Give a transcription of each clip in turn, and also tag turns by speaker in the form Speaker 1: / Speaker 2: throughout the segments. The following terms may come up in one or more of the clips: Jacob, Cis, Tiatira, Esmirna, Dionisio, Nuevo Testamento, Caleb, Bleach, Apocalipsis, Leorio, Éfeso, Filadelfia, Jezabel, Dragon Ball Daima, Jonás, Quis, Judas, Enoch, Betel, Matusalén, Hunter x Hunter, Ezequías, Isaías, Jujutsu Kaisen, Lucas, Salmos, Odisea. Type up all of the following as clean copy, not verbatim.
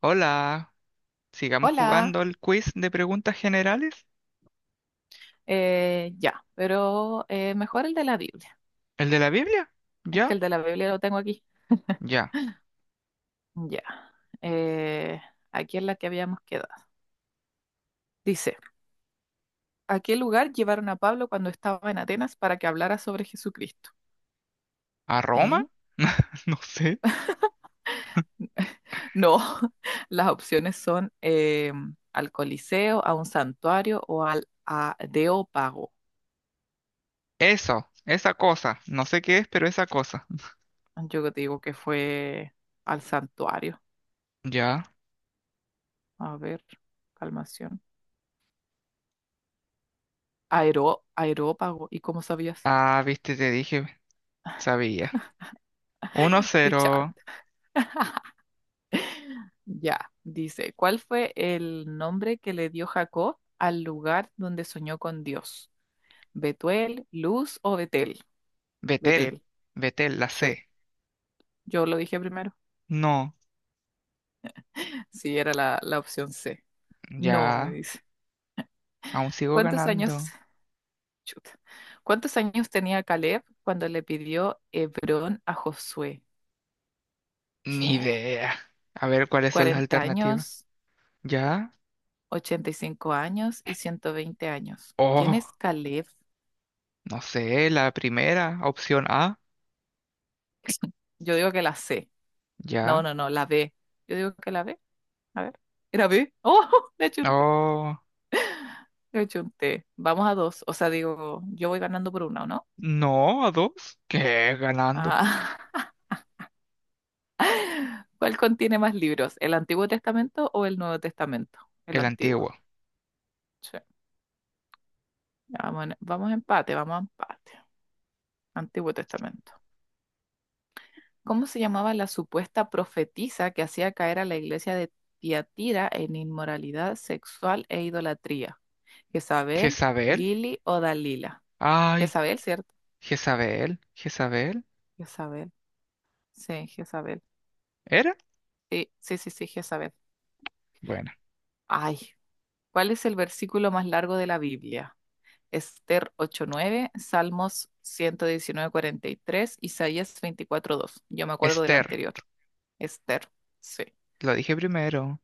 Speaker 1: Hola, sigamos
Speaker 2: Hola,
Speaker 1: jugando el quiz de preguntas generales.
Speaker 2: ya, pero mejor el de la Biblia.
Speaker 1: ¿El de la Biblia?
Speaker 2: Es que
Speaker 1: ¿Ya?
Speaker 2: el de la Biblia lo tengo aquí.
Speaker 1: ¿Ya?
Speaker 2: Ya, eh, aquí es la que habíamos quedado. Dice, ¿a qué lugar llevaron a Pablo cuando estaba en Atenas para que hablara sobre Jesucristo?
Speaker 1: ¿A Roma?
Speaker 2: ¿Eh?
Speaker 1: No sé.
Speaker 2: No, las opciones son al Coliseo, a un santuario o al Areópago.
Speaker 1: Eso, esa cosa. No sé qué es, pero esa cosa.
Speaker 2: Yo te digo que fue al santuario.
Speaker 1: Ya.
Speaker 2: A ver, calmación. Aero, Areópago. ¿Y cómo sabías?
Speaker 1: Ah, viste, te dije, sabía. Uno
Speaker 2: Qué chat.
Speaker 1: cero.
Speaker 2: Ya, dice, ¿cuál fue el nombre que le dio Jacob al lugar donde soñó con Dios? ¿Betuel, Luz o Betel?
Speaker 1: Betel.
Speaker 2: Betel,
Speaker 1: Betel, la
Speaker 2: sí.
Speaker 1: C.
Speaker 2: Yo lo dije primero.
Speaker 1: No,
Speaker 2: Sí, era la opción C. No, me
Speaker 1: ya.
Speaker 2: dice.
Speaker 1: Aún sigo
Speaker 2: ¿Cuántos años?
Speaker 1: ganando.
Speaker 2: Chuta. ¿Cuántos años tenía Caleb cuando le pidió Hebrón a Josué?
Speaker 1: Ni
Speaker 2: ¿Qué?
Speaker 1: idea. A ver cuáles son las
Speaker 2: Cuarenta
Speaker 1: alternativas.
Speaker 2: años,
Speaker 1: ¿Ya?
Speaker 2: ochenta y cinco años y ciento veinte años? ¿Quién es
Speaker 1: Oh,
Speaker 2: Caleb?
Speaker 1: no sé, la primera, opción A.
Speaker 2: Yo digo que la C. No,
Speaker 1: ¿Ya?
Speaker 2: no, no, la B. Yo digo que la B. A ver. Era B. Oh, le achunté.
Speaker 1: Oh.
Speaker 2: Le achunté. Vamos a dos. O sea, digo, yo voy ganando por una, ¿o no?
Speaker 1: No, a dos. ¿Qué? Ganando.
Speaker 2: Ah. ¿Cuál contiene más libros? ¿El Antiguo Testamento o el Nuevo Testamento? El
Speaker 1: El
Speaker 2: Antiguo.
Speaker 1: antiguo.
Speaker 2: Sí. Vamos, vamos a empate, vamos a empate. Antiguo Testamento. ¿Cómo se llamaba la supuesta profetisa que hacía caer a la iglesia de Tiatira en inmoralidad sexual e idolatría? ¿Jezabel,
Speaker 1: Jezabel.
Speaker 2: Lili o Dalila?
Speaker 1: Ay,
Speaker 2: Jezabel, ¿cierto?
Speaker 1: Jezabel. Jezabel.
Speaker 2: Jezabel. Sí, Jezabel.
Speaker 1: ¿Era?
Speaker 2: Sí, sí, sí, sí, Jezabel.
Speaker 1: Bueno.
Speaker 2: Ay, ¿cuál es el versículo más largo de la Biblia? Esther ocho nueve, Salmos 119:43, Isaías 24:2. Yo me acuerdo del
Speaker 1: Esther.
Speaker 2: anterior. Esther, sí.
Speaker 1: Lo dije primero.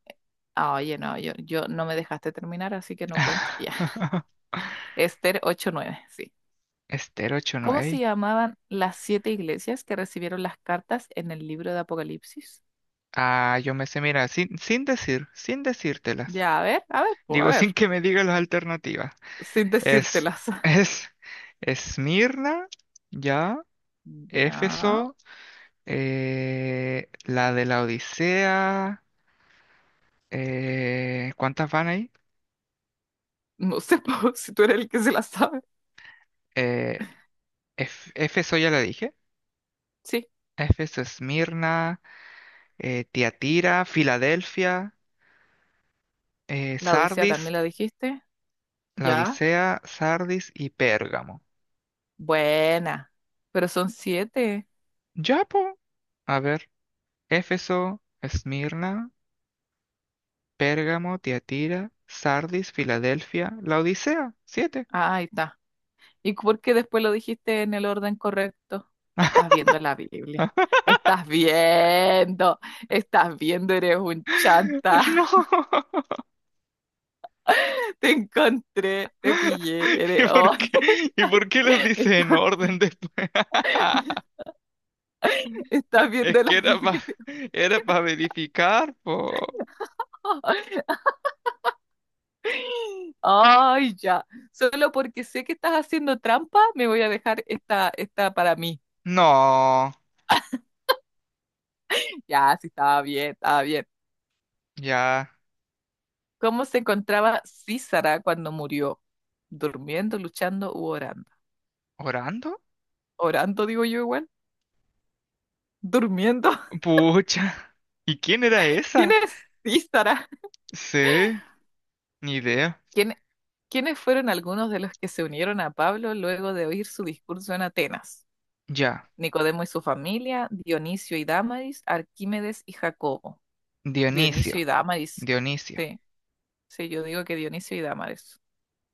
Speaker 2: Ah, oye, no, yo no me dejaste terminar, así que no cuenta. Ya. Esther ocho nueve, sí.
Speaker 1: Esther ocho
Speaker 2: ¿Cómo se
Speaker 1: nueve
Speaker 2: llamaban las 7 iglesias que recibieron las cartas en el libro de Apocalipsis?
Speaker 1: Ah, yo me sé, mira, sin decir, sin decírtelas.
Speaker 2: Ya, a ver, pues, a
Speaker 1: Digo, sin
Speaker 2: ver,
Speaker 1: que me diga las alternativas.
Speaker 2: sin
Speaker 1: Es,
Speaker 2: decírtelas.
Speaker 1: es, Esmirna, ya,
Speaker 2: Ya.
Speaker 1: Éfeso, la de la Odisea. ¿Cuántas van ahí?
Speaker 2: No sé po, si tú eres el que se la sabe.
Speaker 1: Eh, Éfeso ya la dije.
Speaker 2: Sí,
Speaker 1: Éfeso, Esmirna, Tiatira, Filadelfia,
Speaker 2: la Odisea
Speaker 1: Sardis,
Speaker 2: también la dijiste.
Speaker 1: la
Speaker 2: Ya,
Speaker 1: Odisea, Sardis y Pérgamo.
Speaker 2: buena. Pero son 7.
Speaker 1: Ya, po. A ver. Éfeso, Esmirna, Pérgamo, Tiatira, Sardis, Filadelfia, la Odisea. Siete.
Speaker 2: Ah, ahí está. ¿Y por qué después lo dijiste en el orden correcto? Estás viendo la Biblia. Estás viendo. Estás viendo, eres un chanta.
Speaker 1: No.
Speaker 2: Te encontré, te pillé.
Speaker 1: ¿Y
Speaker 2: Eres...
Speaker 1: por
Speaker 2: hoy
Speaker 1: qué? ¿Y por qué los dice en
Speaker 2: Estás,
Speaker 1: orden después?
Speaker 2: estás
Speaker 1: Es
Speaker 2: viendo la
Speaker 1: que era para
Speaker 2: Biblia.
Speaker 1: era para verificar, po.
Speaker 2: Ay, ya. Solo porque sé que estás haciendo trampa, me voy a dejar esta, esta para mí.
Speaker 1: No,
Speaker 2: Ya, sí, estaba bien, estaba bien.
Speaker 1: ya
Speaker 2: ¿Cómo se encontraba Císara cuando murió? ¿Durmiendo, luchando u orando?
Speaker 1: orando.
Speaker 2: Orando, digo yo igual. Durmiendo.
Speaker 1: Pucha. ¿Y quién era
Speaker 2: ¿Quién
Speaker 1: esa?
Speaker 2: es Císara?
Speaker 1: Sí, ni idea.
Speaker 2: ¿Quién- ¿quiénes fueron algunos de los que se unieron a Pablo luego de oír su discurso en Atenas?
Speaker 1: Ya,
Speaker 2: Nicodemo y su familia, Dionisio y Dámaris, Arquímedes y Jacobo.
Speaker 1: Dionisio,
Speaker 2: Dionisio y Dámaris.
Speaker 1: Dionisio.
Speaker 2: Sí, sí, yo digo que Dionisio y Dámaris.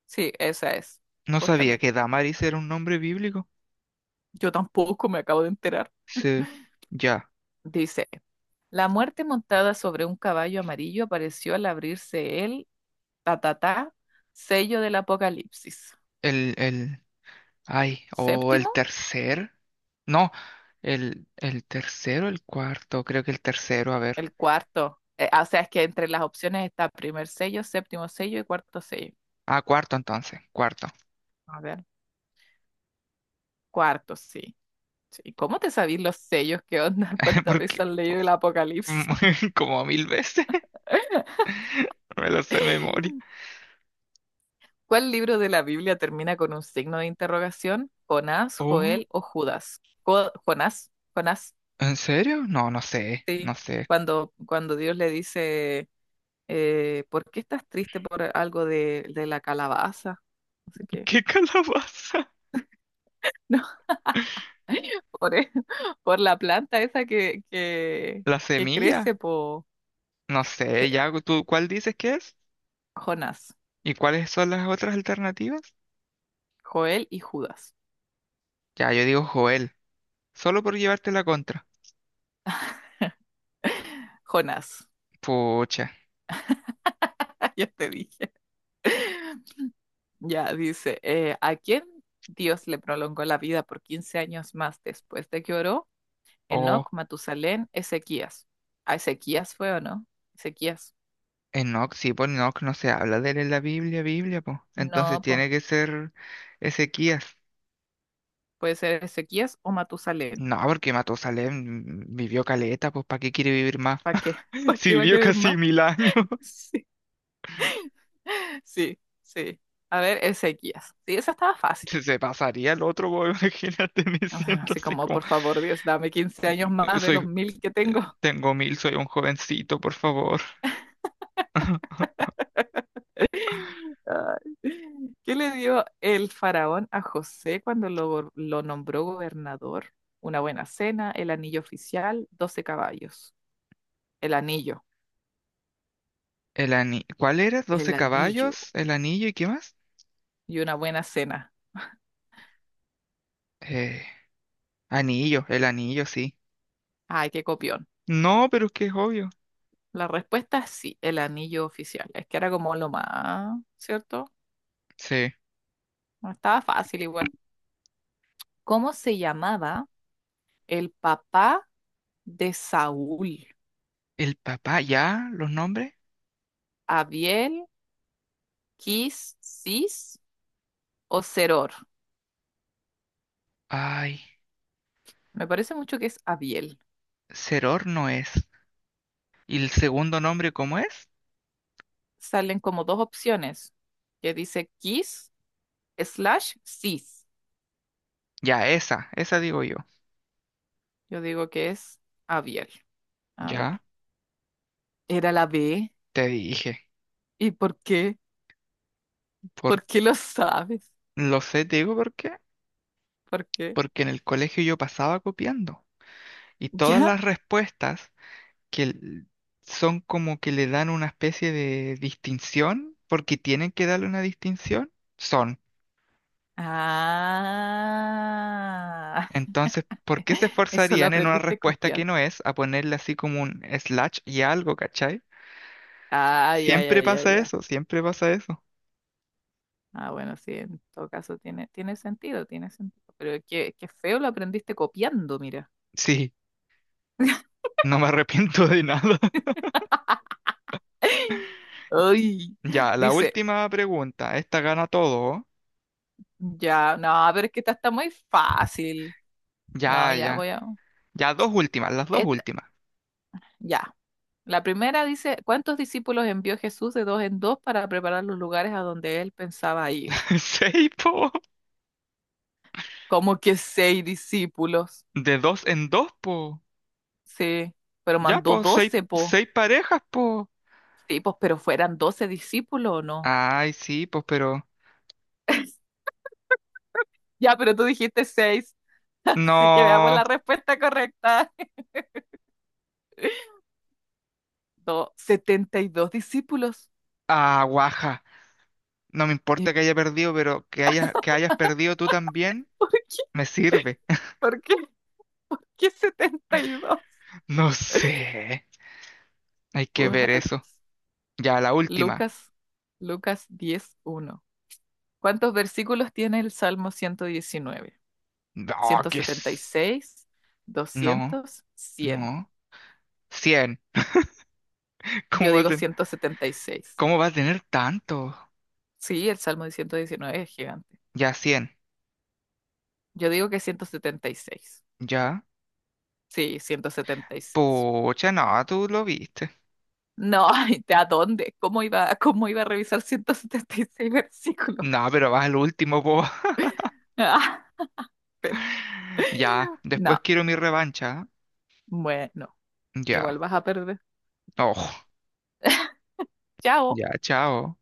Speaker 2: Sí, esa es,
Speaker 1: No sabía
Speaker 2: justamente.
Speaker 1: que Damaris era un nombre bíblico.
Speaker 2: Yo tampoco me acabo de enterar.
Speaker 1: Sí, ya.
Speaker 2: Dice. La muerte montada sobre un caballo amarillo apareció al abrirse el tatatá, sello del apocalipsis.
Speaker 1: El, el, ay, o
Speaker 2: Séptimo,
Speaker 1: el tercer. No, el tercero, el cuarto. Creo que el tercero, a ver.
Speaker 2: el cuarto. O sea, es que entre las opciones está primer sello, séptimo sello y cuarto sello.
Speaker 1: Ah, cuarto entonces, cuarto.
Speaker 2: A ver, cuarto, sí. Sí, ¿cómo te sabís los sellos? ¿Qué onda? ¿Cuántas veces
Speaker 1: Porque
Speaker 2: has leído el apocalipsis?
Speaker 1: como 1.000 veces me lo sé de memoria.
Speaker 2: ¿Cuál libro de la Biblia termina con un signo de interrogación? ¿Jonás,
Speaker 1: Oh,
Speaker 2: Joel o Judas? Jonás, Jonás.
Speaker 1: ¿En serio? No, no sé,
Speaker 2: Sí,
Speaker 1: no sé.
Speaker 2: cuando Dios le dice, ¿por qué estás triste por algo de la calabaza? No sé qué.
Speaker 1: ¿Qué calabaza?
Speaker 2: No, por, e- por la planta esa que, que,
Speaker 1: ¿La
Speaker 2: que
Speaker 1: semilla?
Speaker 2: crece por
Speaker 1: No sé, ya tú, ¿cuál dices que es?
Speaker 2: Jonás,
Speaker 1: ¿Y cuáles son las otras alternativas?
Speaker 2: Joel y Judas.
Speaker 1: Ya, yo digo Joel, solo por llevarte la contra.
Speaker 2: Jonás,
Speaker 1: Pucha.
Speaker 2: ya te dije. Ya dice, ¿a quién Dios le prolongó la vida por 15 años más después de que oró?
Speaker 1: O
Speaker 2: Enoc, Matusalén, Ezequías. ¿A Ezequías fue o no? Ezequías.
Speaker 1: Enoch, sí, por Enoch no se habla de él en la Biblia, Biblia, pues. Entonces
Speaker 2: No, pues.
Speaker 1: tiene que ser Ezequías.
Speaker 2: Puede ser Ezequías o Matusalén.
Speaker 1: No, porque Matusalén vivió caleta, pues, ¿para qué quiere vivir más?
Speaker 2: ¿Para qué? ¿Para
Speaker 1: Si
Speaker 2: qué va a
Speaker 1: vivió
Speaker 2: querer
Speaker 1: casi
Speaker 2: más?
Speaker 1: 1.000 años,
Speaker 2: Sí, sí, sí. A ver, Ezequías. Sí, esa estaba fácil.
Speaker 1: se pasaría el otro, pues imagínate, me
Speaker 2: O sea,
Speaker 1: siento
Speaker 2: así
Speaker 1: así
Speaker 2: como,
Speaker 1: como.
Speaker 2: por favor, Dios, dame 15 años más de los
Speaker 1: Soy,
Speaker 2: mil que
Speaker 1: eh,
Speaker 2: tengo.
Speaker 1: tengo mil, soy un jovencito, por favor.
Speaker 2: Ay. ¿Qué le dio el faraón a José cuando lo nombró gobernador? Una buena cena, el anillo oficial, 12 caballos. El anillo,
Speaker 1: ¿Cuál era? doce
Speaker 2: el anillo
Speaker 1: caballos? ¿El anillo y qué más?
Speaker 2: y una buena cena.
Speaker 1: Eh, el anillo, sí.
Speaker 2: Ay, qué copión.
Speaker 1: No, pero es que es obvio.
Speaker 2: La respuesta es sí, el anillo oficial. Es que era como lo más, ¿cierto?
Speaker 1: Sí.
Speaker 2: No estaba fácil igual. ¿Cómo se llamaba el papá de Saúl?
Speaker 1: ¿El papá ya? ¿Los nombres?
Speaker 2: ¿Abiel, Quis, Cis o Seror?
Speaker 1: Ay,
Speaker 2: Me parece mucho que es Abiel.
Speaker 1: Ceror no es. ¿Y el segundo nombre cómo es?
Speaker 2: Salen como dos opciones que dice Quis slash Cis.
Speaker 1: Ya, esa digo yo.
Speaker 2: Yo digo que es Abiel. A ver.
Speaker 1: Ya,
Speaker 2: Era la B.
Speaker 1: te dije.
Speaker 2: ¿Y por qué?
Speaker 1: Por...
Speaker 2: ¿Por qué lo sabes?
Speaker 1: Lo sé, te digo por qué.
Speaker 2: ¿Por qué?
Speaker 1: Porque en el colegio yo pasaba copiando. Y todas
Speaker 2: ya.
Speaker 1: las respuestas que l- son como que le dan una especie de distinción, porque tienen que darle una distinción, son.
Speaker 2: Ah,
Speaker 1: Entonces, ¿por qué se
Speaker 2: eso lo
Speaker 1: esforzarían en una
Speaker 2: aprendiste
Speaker 1: respuesta que
Speaker 2: copiando.
Speaker 1: no es a ponerle así como un slash y algo, ¿cachai?
Speaker 2: Ah, ya,
Speaker 1: Siempre
Speaker 2: ya, ya,
Speaker 1: pasa
Speaker 2: ya.
Speaker 1: eso, siempre pasa eso.
Speaker 2: Ah, bueno, sí, en todo caso tiene sentido, tiene sentido. Pero qué feo lo aprendiste copiando, mira.
Speaker 1: Sí, no me arrepiento de nada.
Speaker 2: Ay,
Speaker 1: Ya, la
Speaker 2: dice,
Speaker 1: última pregunta, esta gana todo. ¿Oh?
Speaker 2: ya, no, pero es que esta está muy fácil. No,
Speaker 1: Ya,
Speaker 2: ya, voy
Speaker 1: ya.
Speaker 2: a...
Speaker 1: Ya, dos últimas, las dos
Speaker 2: Esta,
Speaker 1: últimas.
Speaker 2: ya. La primera dice, ¿cuántos discípulos envió Jesús de dos en dos para preparar los lugares a donde él pensaba ir?
Speaker 1: Seis, po.
Speaker 2: Como que seis discípulos.
Speaker 1: De dos en dos, po.
Speaker 2: Sí, pero
Speaker 1: Ya,
Speaker 2: mandó
Speaker 1: po, seis,
Speaker 2: 12 po.
Speaker 1: seis parejas, po.
Speaker 2: Sí, pues, pero fueran 12 discípulos o no.
Speaker 1: Ay, sí, pues, pero
Speaker 2: Ya, pero tú dijiste 6. así que veamos
Speaker 1: no.
Speaker 2: la respuesta correcta. 72 discípulos.
Speaker 1: Ah, guaja. No me
Speaker 2: ¿Y
Speaker 1: importa que haya perdido, pero que hayas perdido tú también
Speaker 2: por qué?
Speaker 1: me sirve.
Speaker 2: ¿Por qué? ¿Qué 72?
Speaker 1: No sé. Hay que ver
Speaker 2: What?
Speaker 1: eso. Ya, la última.
Speaker 2: Lucas, Lucas 10:1. ¿Cuántos versículos tiene el Salmo 119?
Speaker 1: No,
Speaker 2: ¿ciento
Speaker 1: que es.
Speaker 2: setenta y seis,
Speaker 1: No,
Speaker 2: doscientos, cien.
Speaker 1: no. 100.
Speaker 2: Yo
Speaker 1: ¿Cómo va a
Speaker 2: digo 176.
Speaker 1: tener tanto?
Speaker 2: Sí, el Salmo de 119 es gigante.
Speaker 1: Ya, 100.
Speaker 2: Yo digo que 176.
Speaker 1: Ya.
Speaker 2: Sí, 176.
Speaker 1: Pucha, no, tú lo viste.
Speaker 2: No, ay, ¿de a dónde? Cómo iba a revisar 176 versículos?
Speaker 1: No, pero vas al último, po.
Speaker 2: Ah, pero-
Speaker 1: Ya.
Speaker 2: no,
Speaker 1: Después quiero mi revancha.
Speaker 2: bueno,
Speaker 1: ¿Eh?
Speaker 2: igual
Speaker 1: Ya.
Speaker 2: vas a perder.
Speaker 1: Ojo.
Speaker 2: Chao.
Speaker 1: Ya, chao.